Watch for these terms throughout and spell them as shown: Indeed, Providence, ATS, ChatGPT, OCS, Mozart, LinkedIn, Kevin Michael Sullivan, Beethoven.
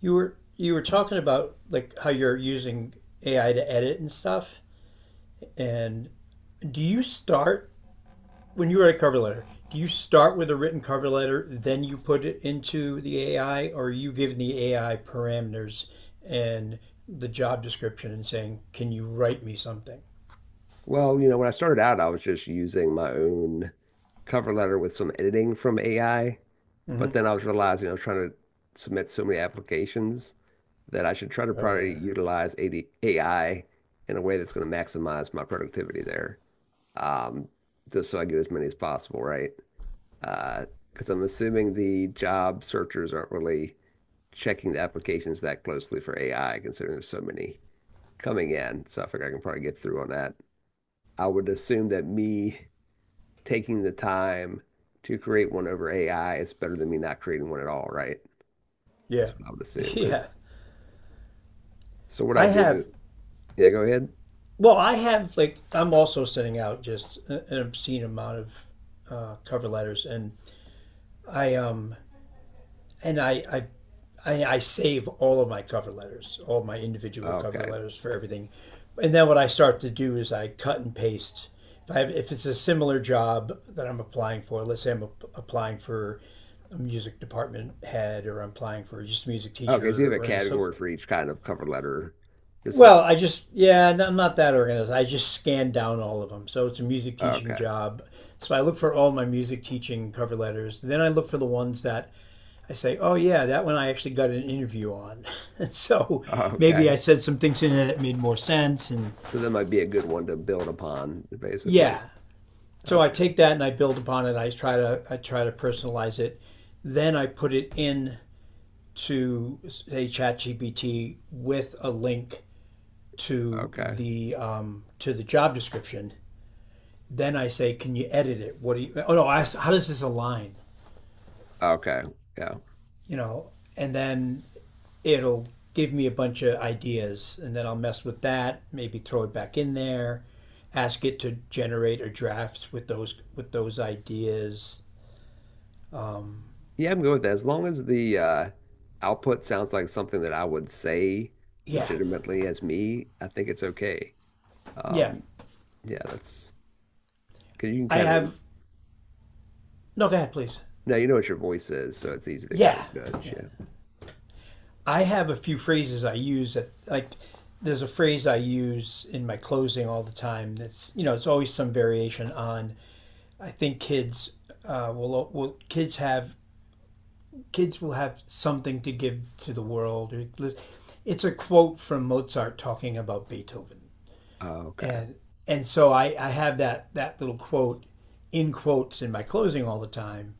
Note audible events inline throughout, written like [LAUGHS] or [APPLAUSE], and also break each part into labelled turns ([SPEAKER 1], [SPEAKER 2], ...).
[SPEAKER 1] You were talking about how you're using AI to edit and stuff. And do you start when you write a cover letter? Do you start with a written cover letter, then you put it into the AI, or are you giving the AI parameters and the job description and saying, "Can you write me something?"
[SPEAKER 2] When I started out, I was just using my own cover letter with some editing from AI,
[SPEAKER 1] Mm-hmm.
[SPEAKER 2] but then I was realizing I was trying to submit so many applications that I should try to
[SPEAKER 1] Oh
[SPEAKER 2] probably
[SPEAKER 1] yeah,
[SPEAKER 2] utilize AD AI in a way that's going to maximize my productivity there, um, just so I get as many as possible, right? Uh, because I'm assuming the job searchers aren't really checking the applications that closely for AI, considering there's so many coming in. So I figure I can probably get through on that. I would assume that me taking the time to create one over AI is better than me not creating one at all, right?
[SPEAKER 1] yeah,
[SPEAKER 2] That's what I would assume.
[SPEAKER 1] [LAUGHS]
[SPEAKER 2] Because
[SPEAKER 1] yeah.
[SPEAKER 2] so what I
[SPEAKER 1] I
[SPEAKER 2] do,
[SPEAKER 1] have.
[SPEAKER 2] yeah, go ahead.
[SPEAKER 1] Well, I have I'm also sending out just an obscene amount of cover letters, and I and I save all of my cover letters, all my individual cover
[SPEAKER 2] Okay.
[SPEAKER 1] letters for everything, and then what I start to do is I cut and paste. If I have, If it's a similar job that I'm applying for, let's say applying for a music department head, or I'm applying for just a music
[SPEAKER 2] Okay, so you
[SPEAKER 1] teacher,
[SPEAKER 2] have a
[SPEAKER 1] or an so.
[SPEAKER 2] category for each kind of cover letter. This is.
[SPEAKER 1] Well, I just yeah, no, I'm not that organized. I just scan down all of them. So it's a music teaching
[SPEAKER 2] Okay. [LAUGHS]
[SPEAKER 1] job. So I look for all my music teaching cover letters. Then I look for the ones that I say, oh yeah, that one I actually got an interview on. [LAUGHS] So maybe I
[SPEAKER 2] Okay.
[SPEAKER 1] said some things in it that made more sense, and
[SPEAKER 2] So that might be a good one to build upon, basically.
[SPEAKER 1] yeah. So I
[SPEAKER 2] Okay.
[SPEAKER 1] take that and I build upon it. I try to personalize it. Then I put it in to say ChatGPT with a link to
[SPEAKER 2] Okay.
[SPEAKER 1] the job description. Then I say, can you edit it? What do you? Oh no, I ask, how does this align?
[SPEAKER 2] Okay. Yeah.
[SPEAKER 1] you know, and then it'll give me a bunch of ideas, and then I'll mess with that, maybe throw it back in there, ask it to generate a draft with those ideas.
[SPEAKER 2] Yeah, I'm good with that. As long as the output sounds like something that I would say
[SPEAKER 1] Yeah,
[SPEAKER 2] legitimately as me, I think it's okay.
[SPEAKER 1] yeah.
[SPEAKER 2] Um, yeah, that's. Because you can
[SPEAKER 1] I
[SPEAKER 2] kind of
[SPEAKER 1] have no. Go ahead, please.
[SPEAKER 2] now you know what your voice is, so it's easy to kind
[SPEAKER 1] Yeah,
[SPEAKER 2] of judge.
[SPEAKER 1] yeah.
[SPEAKER 2] Yeah.
[SPEAKER 1] I have a few phrases I use that, There's a phrase I use in my closing all the time. That's it's always some variation on. I think kids have kids will have something to give to the world. It's a quote from Mozart talking about Beethoven,
[SPEAKER 2] Oh, okay.
[SPEAKER 1] and and so I have that little quote in quotes in my closing all the time.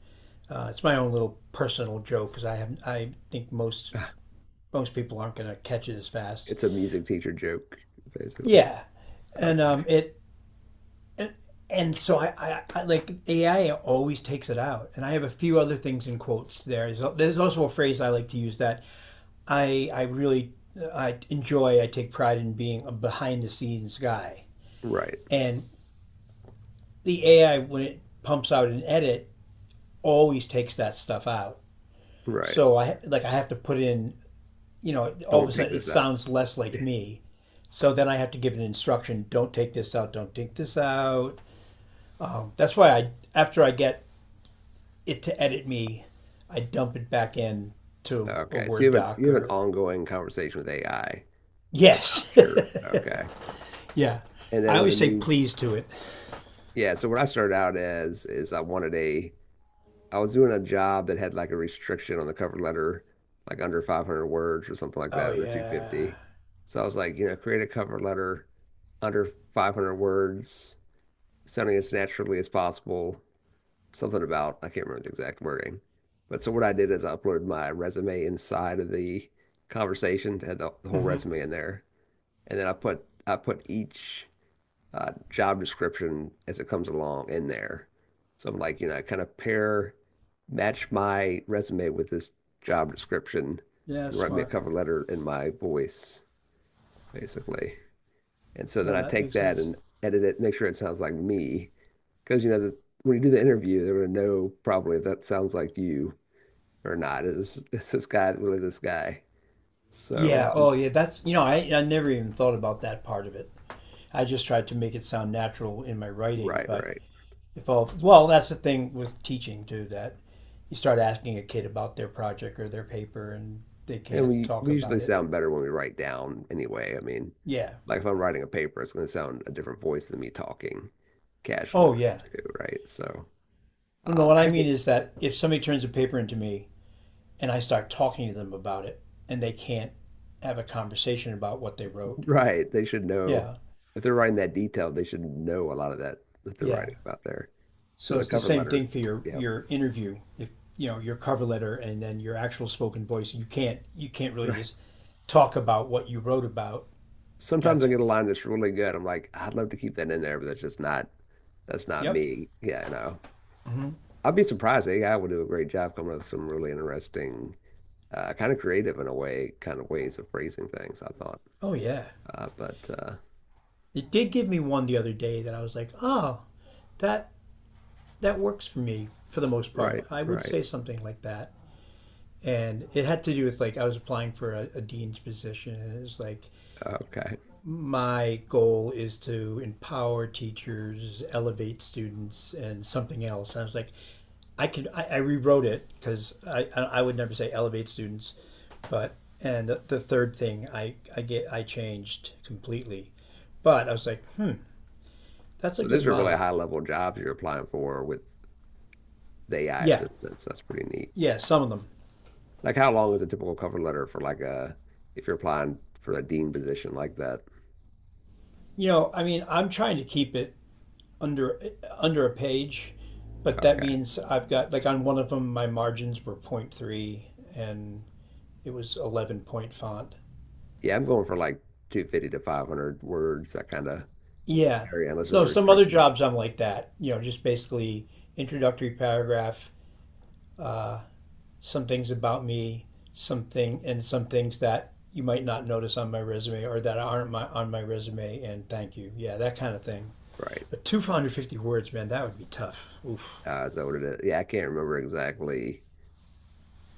[SPEAKER 1] It's my own little personal joke because I have I think most
[SPEAKER 2] [LAUGHS] [SIGHS]
[SPEAKER 1] most people aren't going to catch it as fast.
[SPEAKER 2] It's a music teacher joke, basically.
[SPEAKER 1] Yeah, and
[SPEAKER 2] Okay.
[SPEAKER 1] it and so I like AI always takes it out, and I have a few other things in quotes there. There's also a phrase I like to use that I I really I enjoy. I take pride in being a behind the scenes guy.
[SPEAKER 2] Right.
[SPEAKER 1] And the AI, when it pumps out an edit, always takes that stuff out.
[SPEAKER 2] Right.
[SPEAKER 1] So I have to put in. You know, all of a
[SPEAKER 2] Don't take
[SPEAKER 1] sudden it
[SPEAKER 2] this out.
[SPEAKER 1] sounds less
[SPEAKER 2] [LAUGHS]
[SPEAKER 1] like me. So then I have to give an instruction: don't take this out, don't take this out. That's why I, after I get it to edit me, I dump it back in to a
[SPEAKER 2] Okay. So
[SPEAKER 1] Word
[SPEAKER 2] you
[SPEAKER 1] doc
[SPEAKER 2] have an
[SPEAKER 1] or
[SPEAKER 2] ongoing conversation with AI
[SPEAKER 1] yes,
[SPEAKER 2] about your
[SPEAKER 1] [LAUGHS]
[SPEAKER 2] okay.
[SPEAKER 1] yeah.
[SPEAKER 2] And then
[SPEAKER 1] I
[SPEAKER 2] as a
[SPEAKER 1] always say
[SPEAKER 2] new
[SPEAKER 1] please to it.
[SPEAKER 2] Yeah, so what I started out as is I wanted a I was doing a job that had like a restriction on the cover letter, like under 500 words or something like
[SPEAKER 1] Oh
[SPEAKER 2] that, under 250.
[SPEAKER 1] yeah.
[SPEAKER 2] So I was like, you know, create a cover letter under 500 words, sounding as naturally as possible. Something about, I can't remember the exact wording. But so what I did is I uploaded my resume inside of the conversation, had the whole
[SPEAKER 1] Mm-hmm.
[SPEAKER 2] resume in there, and then I put each job description as it comes along in there. So I'm like, you know, I kind of pair match my resume with this job description
[SPEAKER 1] Yeah,
[SPEAKER 2] and write me a
[SPEAKER 1] smart.
[SPEAKER 2] cover letter in my voice, basically. And so then
[SPEAKER 1] Oh,
[SPEAKER 2] I
[SPEAKER 1] that
[SPEAKER 2] take
[SPEAKER 1] makes
[SPEAKER 2] that
[SPEAKER 1] sense.
[SPEAKER 2] and edit it, make sure it sounds like me. Because, you know, the, when you do the interview, they're going to know probably if that sounds like you or not. Is this guy really this guy? So,
[SPEAKER 1] Yeah.
[SPEAKER 2] um,
[SPEAKER 1] Oh yeah. That's you know I never even thought about that part of it. I just tried to make it sound natural in my writing,
[SPEAKER 2] right,
[SPEAKER 1] but
[SPEAKER 2] right.
[SPEAKER 1] if all well that's the thing with teaching too that you start asking a kid about their project or their paper and they
[SPEAKER 2] And
[SPEAKER 1] can't
[SPEAKER 2] we,
[SPEAKER 1] talk
[SPEAKER 2] we
[SPEAKER 1] about
[SPEAKER 2] usually
[SPEAKER 1] it.
[SPEAKER 2] sound better when we write down anyway. I mean,
[SPEAKER 1] Yeah.
[SPEAKER 2] like if I'm writing a paper, it's going to sound a different voice than me talking casually,
[SPEAKER 1] Oh yeah.
[SPEAKER 2] too, right?
[SPEAKER 1] Well, no, what I
[SPEAKER 2] Actually,
[SPEAKER 1] mean is that if somebody turns a paper into me and I start talking to them about it and they can't have a conversation about what they wrote.
[SPEAKER 2] Right. They should know
[SPEAKER 1] Yeah.
[SPEAKER 2] if they're writing that detail, they should know a lot of that that they're
[SPEAKER 1] Yeah.
[SPEAKER 2] writing about there. So
[SPEAKER 1] So
[SPEAKER 2] the
[SPEAKER 1] it's the
[SPEAKER 2] cover
[SPEAKER 1] same
[SPEAKER 2] letter,
[SPEAKER 1] thing for your
[SPEAKER 2] yeah,
[SPEAKER 1] your interview. If you know your cover letter and then your actual spoken voice, you can't really
[SPEAKER 2] right.
[SPEAKER 1] just talk about what you wrote about.
[SPEAKER 2] Sometimes
[SPEAKER 1] That's
[SPEAKER 2] I get a line that's really good. I'm like, I'd love to keep that in there, but that's just not. That's not
[SPEAKER 1] yep.
[SPEAKER 2] me. Yeah, you know.
[SPEAKER 1] Mm-hmm.
[SPEAKER 2] I'd be surprised. AI would do a great job coming up with some really interesting, kind of creative in a way, kind of ways of phrasing things, I thought.
[SPEAKER 1] Oh yeah,
[SPEAKER 2] But
[SPEAKER 1] it did give me one the other day that I was like, oh, that that works for me for the most part.
[SPEAKER 2] right,
[SPEAKER 1] I would
[SPEAKER 2] right.
[SPEAKER 1] say something like that, and it had to do with I was applying for a dean's position, and it was like
[SPEAKER 2] Okay.
[SPEAKER 1] my goal is to empower teachers, elevate students, and something else. And I was like, I rewrote it because I would never say elevate students, but and the third thing I changed completely, but I was like, hmm, that's a
[SPEAKER 2] So
[SPEAKER 1] good
[SPEAKER 2] these are really
[SPEAKER 1] motto.
[SPEAKER 2] high level jobs you're applying for with the AI
[SPEAKER 1] Yeah,
[SPEAKER 2] assistance. That's pretty neat.
[SPEAKER 1] yeah, some of them.
[SPEAKER 2] Like how long is a typical cover letter for like a if you're applying for a dean position like that?
[SPEAKER 1] You know, I mean, I'm trying to keep it under under a page, but that
[SPEAKER 2] Okay.
[SPEAKER 1] means I've got like on one of them my margins were point 0.3 and it was 11 point font.
[SPEAKER 2] Yeah, I'm going for like 250 to 500 words, that kind of
[SPEAKER 1] Yeah.
[SPEAKER 2] area, unless there's a
[SPEAKER 1] So some other
[SPEAKER 2] restriction.
[SPEAKER 1] jobs I'm like that, you know, just basically introductory paragraph, uh, some things about me, something, and some things that you might not notice on my resume or that aren't my, on my resume, and thank you. Yeah, that kind of thing.
[SPEAKER 2] Right.
[SPEAKER 1] But 250 words, man, that would be tough. Oof.
[SPEAKER 2] Is that what it is? Yeah, I can't remember exactly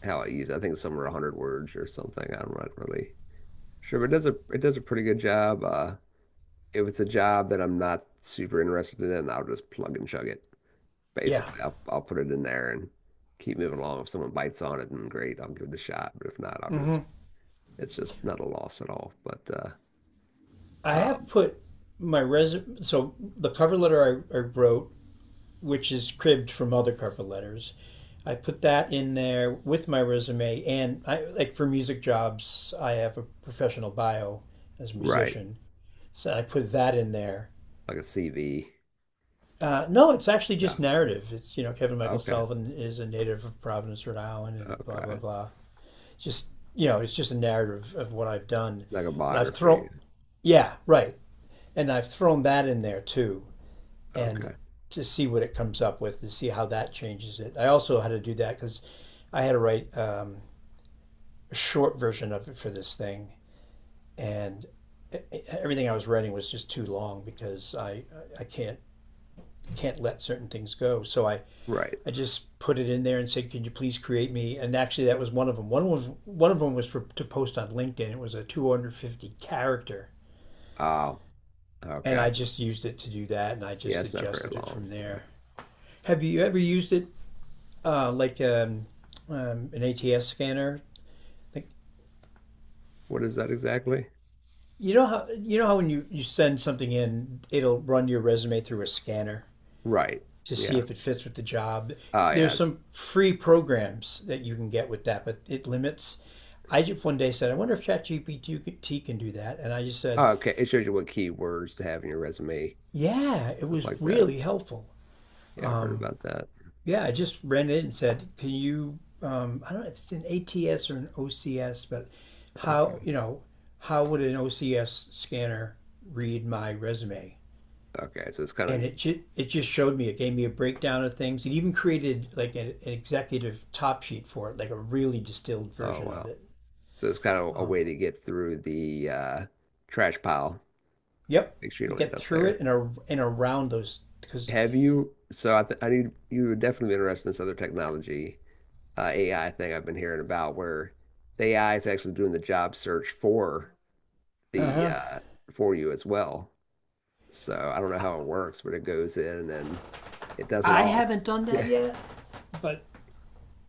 [SPEAKER 2] how I use it. I think it's somewhere 100 words or something. I'm not really sure, but it does a pretty good job. If it's a job that I'm not super interested in, I'll just plug and chug it.
[SPEAKER 1] Yeah.
[SPEAKER 2] Basically, I'll put it in there and keep moving along. If someone bites on it, then great, I'll give it a shot. But if not, I'll
[SPEAKER 1] Mm
[SPEAKER 2] just
[SPEAKER 1] hmm.
[SPEAKER 2] it's just not a loss at all. But uh,
[SPEAKER 1] I have
[SPEAKER 2] um,
[SPEAKER 1] put my resume, so the cover letter I wrote, which is cribbed from other cover letters. I put that in there with my resume, and I like for music jobs, I have a professional bio as a
[SPEAKER 2] right,
[SPEAKER 1] musician, so I put that in there.
[SPEAKER 2] like a CV.
[SPEAKER 1] No, it's actually just
[SPEAKER 2] No,
[SPEAKER 1] narrative. It's you know Kevin Michael
[SPEAKER 2] okay,
[SPEAKER 1] Sullivan is a native of Providence, Rhode Island, and blah blah
[SPEAKER 2] okay,
[SPEAKER 1] blah. Just you know, it's just a narrative of what I've done,
[SPEAKER 2] like a
[SPEAKER 1] and I've thrown,
[SPEAKER 2] biography.
[SPEAKER 1] yeah, right, and I've thrown that in there too. And
[SPEAKER 2] Okay,
[SPEAKER 1] to see what it comes up with, to see how that changes it. I also had to do that because I had to write a short version of it for this thing, and everything I was writing was just too long because I can't let certain things go. So
[SPEAKER 2] right.
[SPEAKER 1] I just put it in there and said, "Could you please create me?" And actually, that was one of them. One of them was for to post on LinkedIn. It was a 250 character,
[SPEAKER 2] Oh,
[SPEAKER 1] and
[SPEAKER 2] okay.
[SPEAKER 1] I just used it to do that, and I
[SPEAKER 2] Yeah,
[SPEAKER 1] just
[SPEAKER 2] it's not very
[SPEAKER 1] adjusted it
[SPEAKER 2] long.
[SPEAKER 1] from there. Have you ever used it uh, like um, an ATS scanner. Like
[SPEAKER 2] What is that exactly?
[SPEAKER 1] you know how when you send something in, it'll run your resume through a scanner
[SPEAKER 2] Right.
[SPEAKER 1] to see
[SPEAKER 2] Yeah.
[SPEAKER 1] if it fits with the job.
[SPEAKER 2] Oh, yeah.
[SPEAKER 1] There's some free programs that you can get with that, but it limits. I just one day said, I wonder if ChatGPT can do that, and I just
[SPEAKER 2] Oh,
[SPEAKER 1] said,
[SPEAKER 2] okay. It shows you what keywords to have in your resume,
[SPEAKER 1] yeah, it
[SPEAKER 2] stuff
[SPEAKER 1] was
[SPEAKER 2] like that.
[SPEAKER 1] really helpful.
[SPEAKER 2] Yeah, I've heard
[SPEAKER 1] Um,
[SPEAKER 2] about that.
[SPEAKER 1] Yeah, I just ran in and said, "Can you?" I don't know if it's an ATS or an OCS, but how
[SPEAKER 2] Okay.
[SPEAKER 1] you know how would an OCS scanner read my resume?
[SPEAKER 2] Okay. So it's
[SPEAKER 1] And
[SPEAKER 2] kind
[SPEAKER 1] it just showed me. It gave me a breakdown of things. It even created like an executive top sheet for it, like a really distilled
[SPEAKER 2] of, oh,
[SPEAKER 1] version of
[SPEAKER 2] wow.
[SPEAKER 1] it.
[SPEAKER 2] So it's kind of a
[SPEAKER 1] Um,
[SPEAKER 2] way to get through the trash pile.
[SPEAKER 1] yep,
[SPEAKER 2] Make sure you
[SPEAKER 1] you
[SPEAKER 2] don't end
[SPEAKER 1] get
[SPEAKER 2] up
[SPEAKER 1] through it
[SPEAKER 2] there.
[SPEAKER 1] and, and around those because
[SPEAKER 2] Have you? So I, th I knew you were definitely interested in this other technology, AI thing I've been hearing about, where the AI is actually doing the job search for the
[SPEAKER 1] uh-huh.
[SPEAKER 2] for you as well. So I don't know how it works, but it goes in and it does it
[SPEAKER 1] I
[SPEAKER 2] all.
[SPEAKER 1] haven't
[SPEAKER 2] It's,
[SPEAKER 1] done
[SPEAKER 2] yeah.
[SPEAKER 1] that yet, but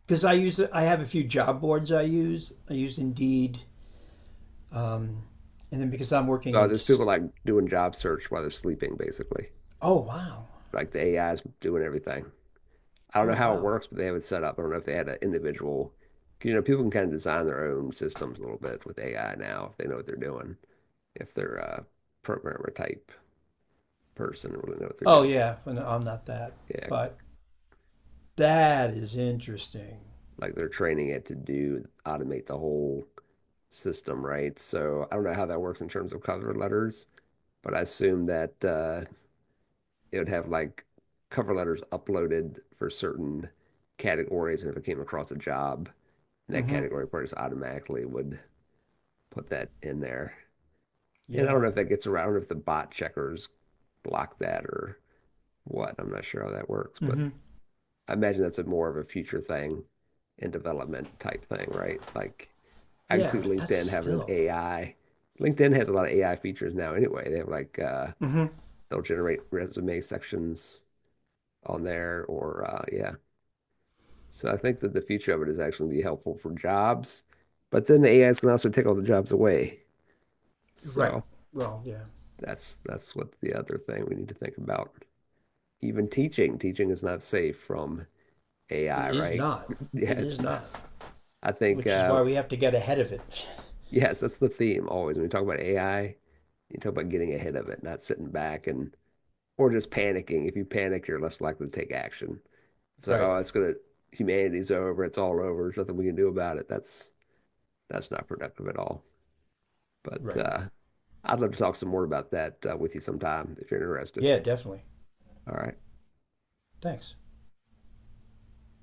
[SPEAKER 1] because I use I have a few job boards I use. I use Indeed. Um, and then because I'm working
[SPEAKER 2] So
[SPEAKER 1] in,
[SPEAKER 2] there's people like doing job search while they're sleeping, basically.
[SPEAKER 1] Oh wow,
[SPEAKER 2] Like the AI is doing everything. I don't
[SPEAKER 1] oh
[SPEAKER 2] know how it
[SPEAKER 1] wow,
[SPEAKER 2] works, but they have it set up. I don't know if they had an individual, 'cause, you know, people can kind of design their own systems a little bit with AI now if they know what they're doing. If they're a programmer type person or really know what they're
[SPEAKER 1] oh
[SPEAKER 2] doing.
[SPEAKER 1] yeah, well, no, I'm not that,
[SPEAKER 2] Yeah,
[SPEAKER 1] but that is interesting.
[SPEAKER 2] like they're training it to do automate the whole system, right? So I don't know how that works in terms of cover letters, but I assume that it would have like cover letters uploaded for certain categories, and if it came across a job, that
[SPEAKER 1] Mm-hmm.
[SPEAKER 2] category person automatically would put that in there. And I don't
[SPEAKER 1] Yeah.
[SPEAKER 2] know if that gets around if the bot checkers block that or what. I'm not sure how that works, but
[SPEAKER 1] Mm-hmm.
[SPEAKER 2] I imagine that's a more of a future thing and development type thing, right? Like I can
[SPEAKER 1] Yeah,
[SPEAKER 2] see
[SPEAKER 1] but that's
[SPEAKER 2] LinkedIn having an
[SPEAKER 1] still
[SPEAKER 2] AI. LinkedIn has a lot of AI features now anyway. They have like
[SPEAKER 1] mm-hmm.
[SPEAKER 2] they'll generate resume sections on there or yeah. So I think that the future of it is actually be helpful for jobs, but then the A is can also take all the jobs away.
[SPEAKER 1] Right.
[SPEAKER 2] So
[SPEAKER 1] Well, yeah,
[SPEAKER 2] that's what the other thing we need to think about. Even teaching, teaching is not safe from
[SPEAKER 1] it
[SPEAKER 2] AI,
[SPEAKER 1] is
[SPEAKER 2] right?
[SPEAKER 1] not.
[SPEAKER 2] [LAUGHS] Yeah,
[SPEAKER 1] It
[SPEAKER 2] it's
[SPEAKER 1] is
[SPEAKER 2] not.
[SPEAKER 1] not,
[SPEAKER 2] I think
[SPEAKER 1] which is why we have to get ahead of it. [LAUGHS]
[SPEAKER 2] Yes, that's the theme always. When we talk about AI, you talk about getting ahead of it, not sitting back and or just panicking. If you panic, you're less likely to take action. It's like,
[SPEAKER 1] Right.
[SPEAKER 2] oh, it's gonna humanity's over, it's all over, there's nothing we can do about it. That's not productive at all. But
[SPEAKER 1] Right.
[SPEAKER 2] I'd love to talk some more about that with you sometime if you're interested.
[SPEAKER 1] Yeah, definitely.
[SPEAKER 2] All right.
[SPEAKER 1] Thanks.